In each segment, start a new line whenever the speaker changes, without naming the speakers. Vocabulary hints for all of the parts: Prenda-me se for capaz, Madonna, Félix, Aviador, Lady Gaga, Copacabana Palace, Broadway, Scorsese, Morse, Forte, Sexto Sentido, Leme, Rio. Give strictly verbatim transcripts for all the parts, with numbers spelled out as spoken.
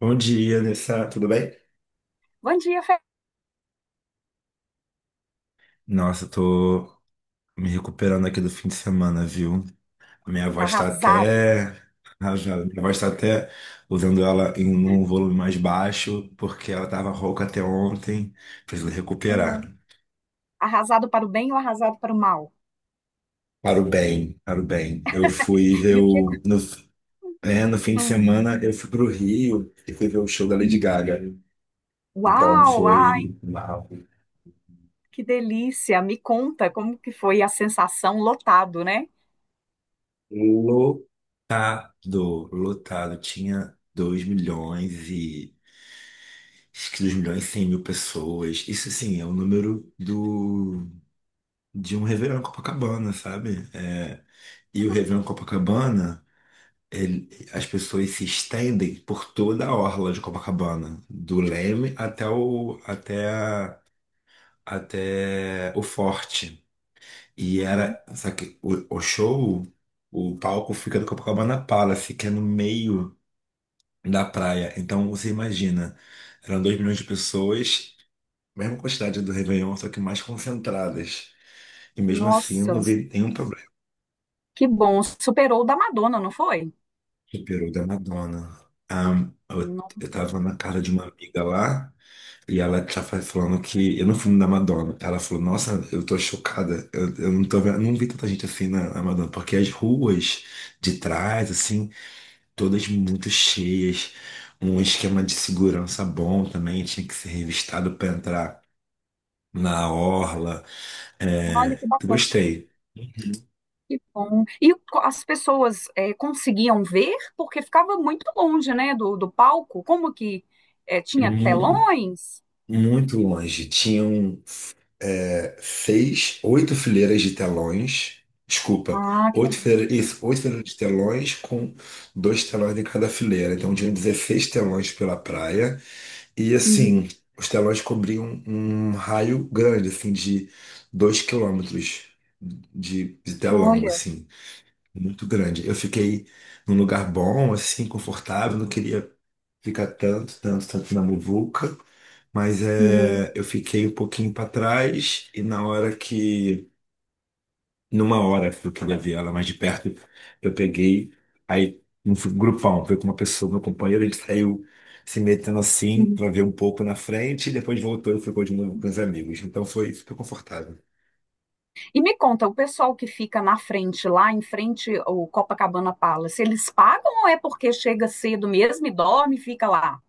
Bom dia, Nessa. Tudo bem?
Bom dia, Fê.
Nossa, eu tô me recuperando aqui do fim de semana, viu? Minha
Tá
voz tá
arrasado.
até. Rasgada. Minha voz tá até usando ela em um volume mais baixo, porque ela tava rouca até ontem. Preciso
Hum.
recuperar.
Arrasado para o bem ou arrasado para o mal?
Para o bem, para o bem. Eu fui ver
E o que...
o. No, é, no fim de
hum,
semana, eu fui pro Rio e fui ver o show da Lady
hum.
Gaga. Então
Uau, ai,
foi mal.
que delícia. Me conta como que foi a sensação, lotado, né?
Lotado, lotado. Tinha dois milhões e. Acho que dois milhões e cem mil pessoas. Isso, sim é o número do, de um Réveillon em Copacabana, sabe? É, e o Réveillon em Copacabana, ele- as pessoas se estendem por toda a orla de Copacabana, do Leme até o, até, a- até o Forte. E
Uhum.
era, só que o, o show, o palco fica no Copacabana Palace, que é no meio da praia. Então, você imagina, eram dois milhões de pessoas, mesma quantidade do Réveillon, só que mais concentradas. E mesmo assim eu
Nossa,
não vi nenhum problema.
que bom. Superou o da Madonna, não foi?
Superou o da Madonna. Ah, eu,
No-
eu tava na casa de uma amiga lá e ela tava falando que. Eu não fui no da Madonna. Ela falou, nossa, eu tô chocada. Eu, eu não tô vendo, não vi tanta gente assim na, na Madonna, porque as ruas de trás, assim, todas muito cheias. Um esquema de segurança bom também, tinha que ser revistado para entrar na orla.
Olha
É,
que bacana,
gostei.
que bom. E co- as pessoas eh, conseguiam ver porque ficava muito longe, né, do, do palco? Como que eh, tinha
mu-
telões?
Muito longe. Tinham é, seis, oito fileiras de telões. Desculpa,
Ah, que
oito
legal.
fileiras, isso, oito fileiras de telões com dois telões em cada fileira. Então tinham dezesseis telões pela praia. E
Uhum.
assim, os telões cobriam um raio grande, assim, de dois quilômetros de, de telão,
Olha.
assim muito grande. Eu fiquei num lugar bom, assim, confortável, não queria ficar tanto, tanto, tanto na muvuca, mas
Uhum.
é, eu fiquei um pouquinho para trás e na hora que, numa hora que eu queria ver ela mais de perto, eu peguei, aí um grupão, veio com uma pessoa, meu companheiro, ele saiu se metendo assim
Uhum.
para ver um pouco na frente e depois voltou e ficou de novo com os amigos. Então foi, ficou confortável.
E me conta, o pessoal que fica na frente, lá em frente ao Copacabana Palace, eles pagam ou é porque chega cedo mesmo e dorme e fica lá?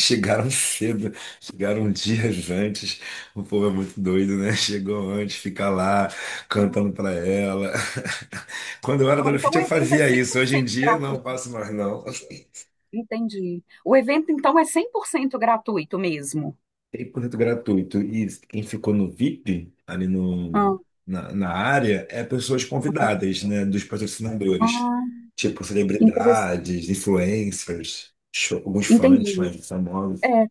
Chegaram cedo, chegaram dias antes. O povo é muito doido, né? Chegou antes, fica lá cantando
Não.
pra ela. Quando eu era
Então
adolescente,
o
eu
evento é
fazia isso. Hoje em
cem por cento
dia, não
gratuito.
faço mais, não.
Entendi. O evento então é cem por cento gratuito mesmo.
cem por cento gratuito. E quem ficou no V I P, ali no,
Ah,
na, na área, é pessoas convidadas, né? Dos patrocinadores.
ah,
Tipo,
que interessante.
celebridades, influencers, show- alguns fãs
Entendi.
mais famosos.
É,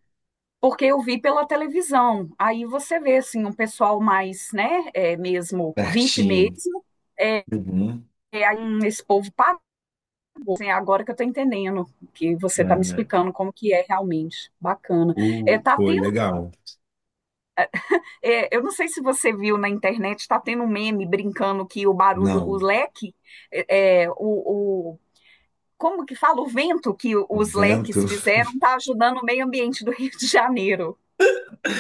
porque eu vi pela televisão. Aí você vê assim um pessoal mais, né, é, mesmo V I P
Pertinho.
mesmo. É,
Uhum.
é, aí esse povo... Assim, agora que eu estou entendendo, que você está me explicando como que é realmente. Bacana. É,
O...
tá
Foi
tendo,
legal.
é, eu não sei se você viu na internet, está tendo um meme brincando que o barulho, o
Não,
leque, é, é, o, o- como que fala? O vento que o-
o
os leques
vento.
fizeram está ajudando o meio ambiente do Rio de Janeiro.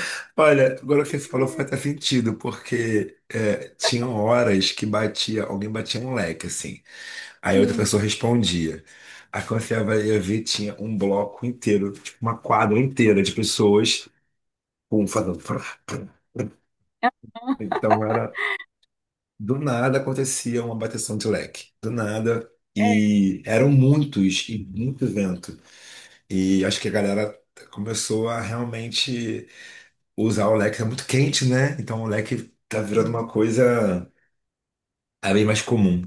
Olha, agora o que você falou faz até sentido, porque é, tinham horas que batia, alguém batia um leque, assim. Aí outra
Hum,
pessoa respondia. Aí quando você vai- ia ver, tinha um bloco inteiro, tipo uma quadra inteira de pessoas com fazendo. Frá, frá. Então era. Do nada acontecia uma bateção de leque. Do nada.
é.
E eram muitos, e muito vento. E acho que a galera começou a realmente. Usar o leque é muito quente, né? Então o leque tá virando uma coisa é bem mais comum.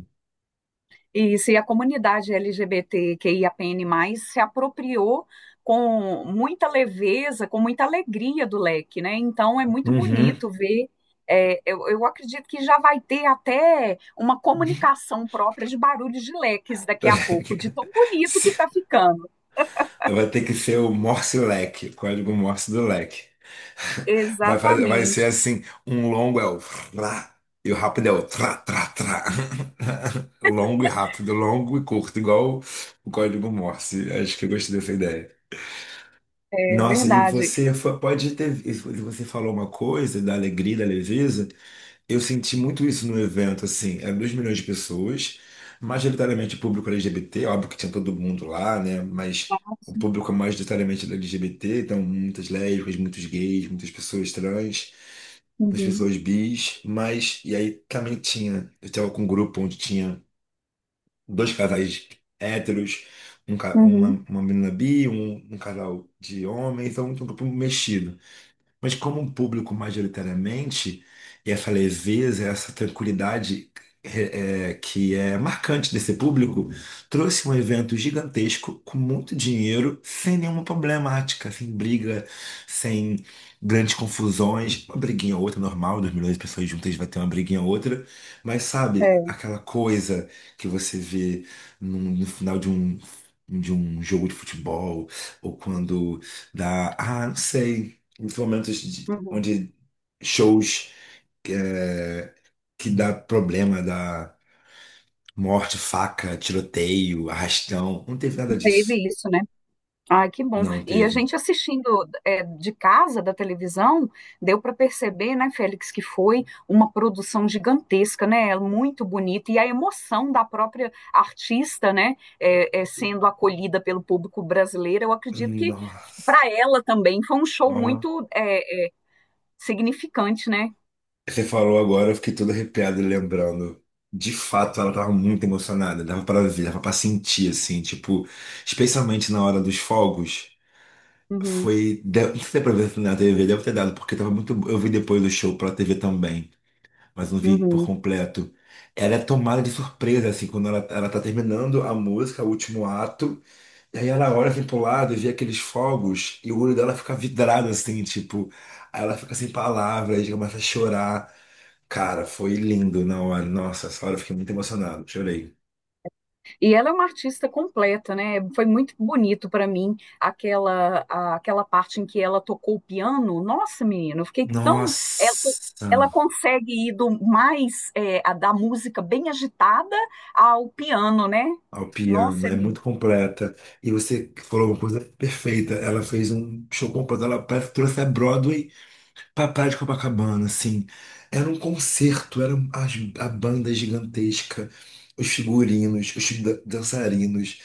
Isso, e a comunidade L G B T Q I A P N mais se apropriou com muita leveza, com muita alegria do leque, né? Então é muito
Uhum.
bonito ver. É, eu, eu acredito que já vai ter até uma comunicação própria de barulhos de leques daqui a pouco, de tão bonito que está ficando.
Vai ter que ser o Morse leque, o código Morse do leque. Vai, fazer, vai ser
Exatamente,
assim, um longo é o tra, e o rápido é o tra, tra, tra. Longo e rápido, longo e curto, igual o código Morse. Acho que eu gostei dessa ideia.
é
Nossa, e
verdade.
você foi- pode ter. E você falou uma coisa da alegria, da leveza. Eu senti muito isso no evento, assim, eram dois milhões de pessoas, majoritariamente público L G B T, óbvio que tinha todo mundo lá, né? Mas o público é majoritariamente era L G B T, então muitas lésbicas, muitos gays, muitas pessoas trans, muitas
Uhum,
pessoas bis, mas e aí também tinha, eu estava com um grupo onde tinha dois casais héteros, um ca-
uhum,
uma, uma menina bi, um, um casal de homem, então um grupo mexido. Mas como um público majoritariamente, e essa leveza, essa tranquilidade eh, eh, que é marcante desse público, trouxe um evento gigantesco com muito dinheiro, sem nenhuma problemática, sem briga, sem grandes confusões, uma briguinha ou outra normal, dois milhões de pessoas juntas vai ter uma briguinha ou outra, mas sabe,
é,
aquela coisa que você vê num- no final de um de um jogo de futebol, ou quando dá, ah, não sei. Muitos momentos de-
uhum.
onde shows é, que dá problema, dá morte, faca, tiroteio, arrastão. Não teve nada disso.
Teve isso, né? Ai, que bom.
Não
E a
teve.
gente assistindo é, de casa, da televisão, deu para perceber, né, Félix, que foi uma produção gigantesca, né? É muito bonita. E a emoção da própria artista, né, é, é, sendo acolhida pelo público brasileiro, eu acredito que
Nossa.
para ela também foi um show
Ó,
muito é, é, significante, né?
você falou agora, eu fiquei todo arrepiado lembrando. De fato, ela tava muito emocionada, dava pra ver, dava pra sentir, assim, tipo, especialmente na hora dos fogos.
Uhum,
Foi. de- Não sei se deu pra ver na T V, deve ter dado, porque tava muito. Eu vi depois do show pela T V também, mas não vi por
uhum.
completo. Ela é tomada de surpresa, assim, quando ela, ela tá terminando a música, o último ato, e aí ela olha assim pro lado e vê aqueles fogos, e o olho dela fica vidrado, assim, tipo, aí ela fica sem palavras, e começa a chorar. Cara, foi lindo na hora. Nossa, essa hora eu fiquei muito emocionado, chorei.
E ela é uma artista completa, né? Foi muito bonito para mim aquela a- aquela parte em que ela tocou o piano. Nossa, menina, eu fiquei tão... Ela, Ela
Nossa,
consegue ir do mais é, a da música bem agitada ao piano, né?
ao piano,
Nossa, é
é
lindo.
muito completa. E você falou uma coisa perfeita. Ela fez um show completo, ela parece que trouxe a Broadway pra Praia de Copacabana, assim. Era um concerto, era as- a banda gigantesca, os figurinos, os dan- dançarinos,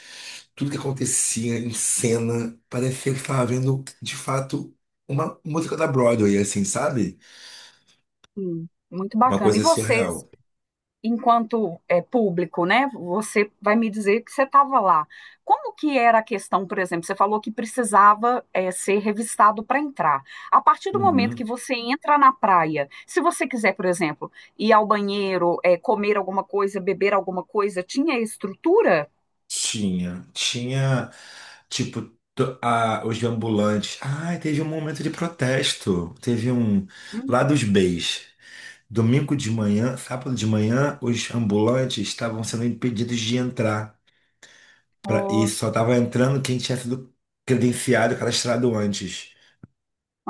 tudo que acontecia em cena, parecia que estava vendo, de fato, uma música da Broadway, assim, sabe?
Sim, muito
Uma
bacana. E
coisa
você?
surreal.
Enquanto é, público, né? Você vai me dizer que você estava lá. Como que era a questão, por exemplo? Você falou que precisava é, ser revistado para entrar. A partir do momento que
Uhum.
você entra na praia, se você quiser, por exemplo, ir ao banheiro, é, comer alguma coisa, beber alguma coisa, tinha estrutura?
Tinha. Tinha, tipo, to- a- os ambulantes. Ai, teve um momento de protesto. Teve um.
Hum,
Lá dos B's. Domingo de manhã, sábado de manhã, os ambulantes estavam sendo impedidos de entrar. Pra, e
oh,
só estava entrando quem tinha sido credenciado, cadastrado antes.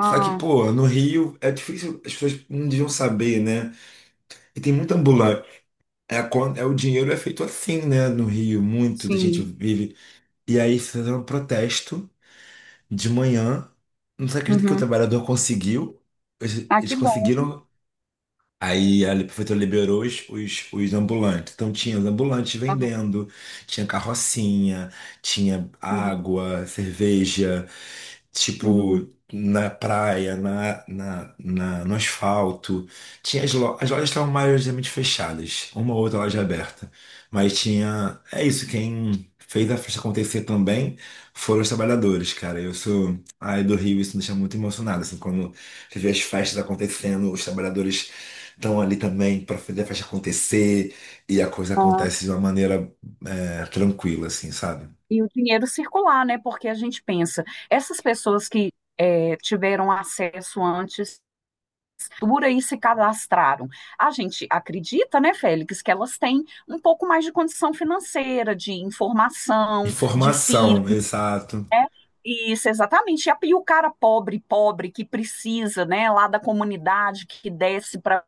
Só que, pô, no Rio é difícil, as pessoas não deviam saber, né? E tem muita ambulante. É, quando- é, o dinheiro é feito assim, né? No Rio, muito da gente
sim.
vive. E aí fizeram um protesto de manhã. Não se acredita que o
Uhum.
trabalhador conseguiu. Eles,
Ah,
eles
que bom.
conseguiram. Aí a prefeitura liberou os, os, os ambulantes. Então tinha os ambulantes
Aham,
vendendo, tinha carrocinha, tinha
uhum,
água, cerveja,
uhum.
tipo, na praia, na, na, na- no asfalto. Tinha as, lo- as lojas estavam majoritariamente fechadas, uma ou outra loja aberta. Mas tinha. É isso, quem fez a festa acontecer também foram os trabalhadores, cara. Eu sou. Ai, do Rio, isso me deixa muito emocionado, assim, quando você vê as festas acontecendo, os trabalhadores estão ali também para fazer a festa acontecer e a coisa acontece de uma maneira é, tranquila, assim, sabe?
E o dinheiro circular, né? Porque a gente pensa, essas pessoas que é, tiveram acesso antes, por aí se cadastraram. A gente acredita, né, Félix, que elas têm um pouco mais de condição financeira, de informação, de filho,
Informação, exato.
né? Isso, exatamente. E a- e o cara pobre, pobre, que precisa, né, lá da comunidade, que desce para...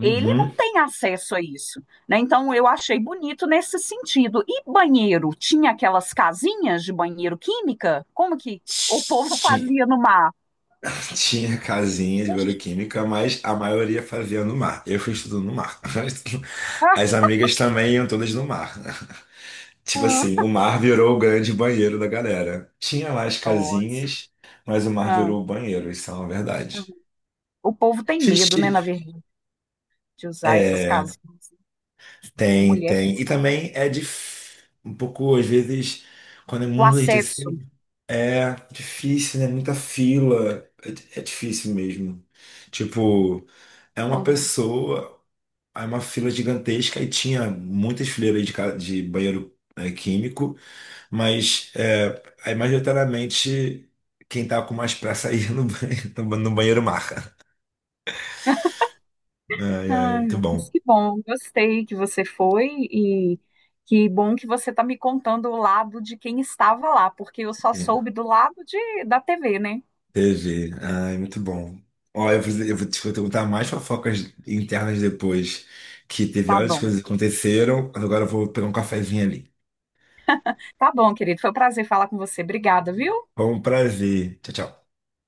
Ele não tem acesso a isso, né? Então eu achei bonito nesse sentido. E banheiro, tinha aquelas casinhas de banheiro química? Como que o povo
Tinha.
fazia no mar?
Tinha casinha de
A gente-
bioquímica, mas a maioria fazia no mar. Eu fui estudando no mar. As amigas também iam todas no mar. Tipo assim,
Ah,
o mar virou o grande banheiro da galera. Tinha lá as
nossa.
casinhas, mas o mar
Ah,
virou o banheiro, isso é uma
ah.
verdade.
O povo tem medo, né, na verdade, de usar essas
É,
casinhas. A
tem,
mulher,
tem. E também é dif... um pouco, às vezes, quando é
o
muito leite
acesso.
assim, é difícil, né? Muita fila. É, di- é difícil mesmo. Tipo, é uma
Uhum.
pessoa, é uma fila gigantesca e tinha muitas fileiras de, ca- de banheiro é, químico, mas é, aí, majoritariamente quem tá com mais pressa aí no banheiro, no banheiro marca. Ai, ai,
Ai,
muito
mas
bom.
que bom, gostei que você foi, e que bom que você está me contando o lado de quem estava lá, porque eu só
É.
soube do lado de, da T V, né?
Teve. Ai, muito bom. Ó, eu vou, eu vou te perguntar mais fofocas internas depois, que teve
Tá
várias
bom.
coisas que aconteceram. Agora eu vou pegar um cafezinho ali.
Tá bom, querido. Foi um prazer falar com você. Obrigada, viu?
Foi um prazer. Tchau, tchau.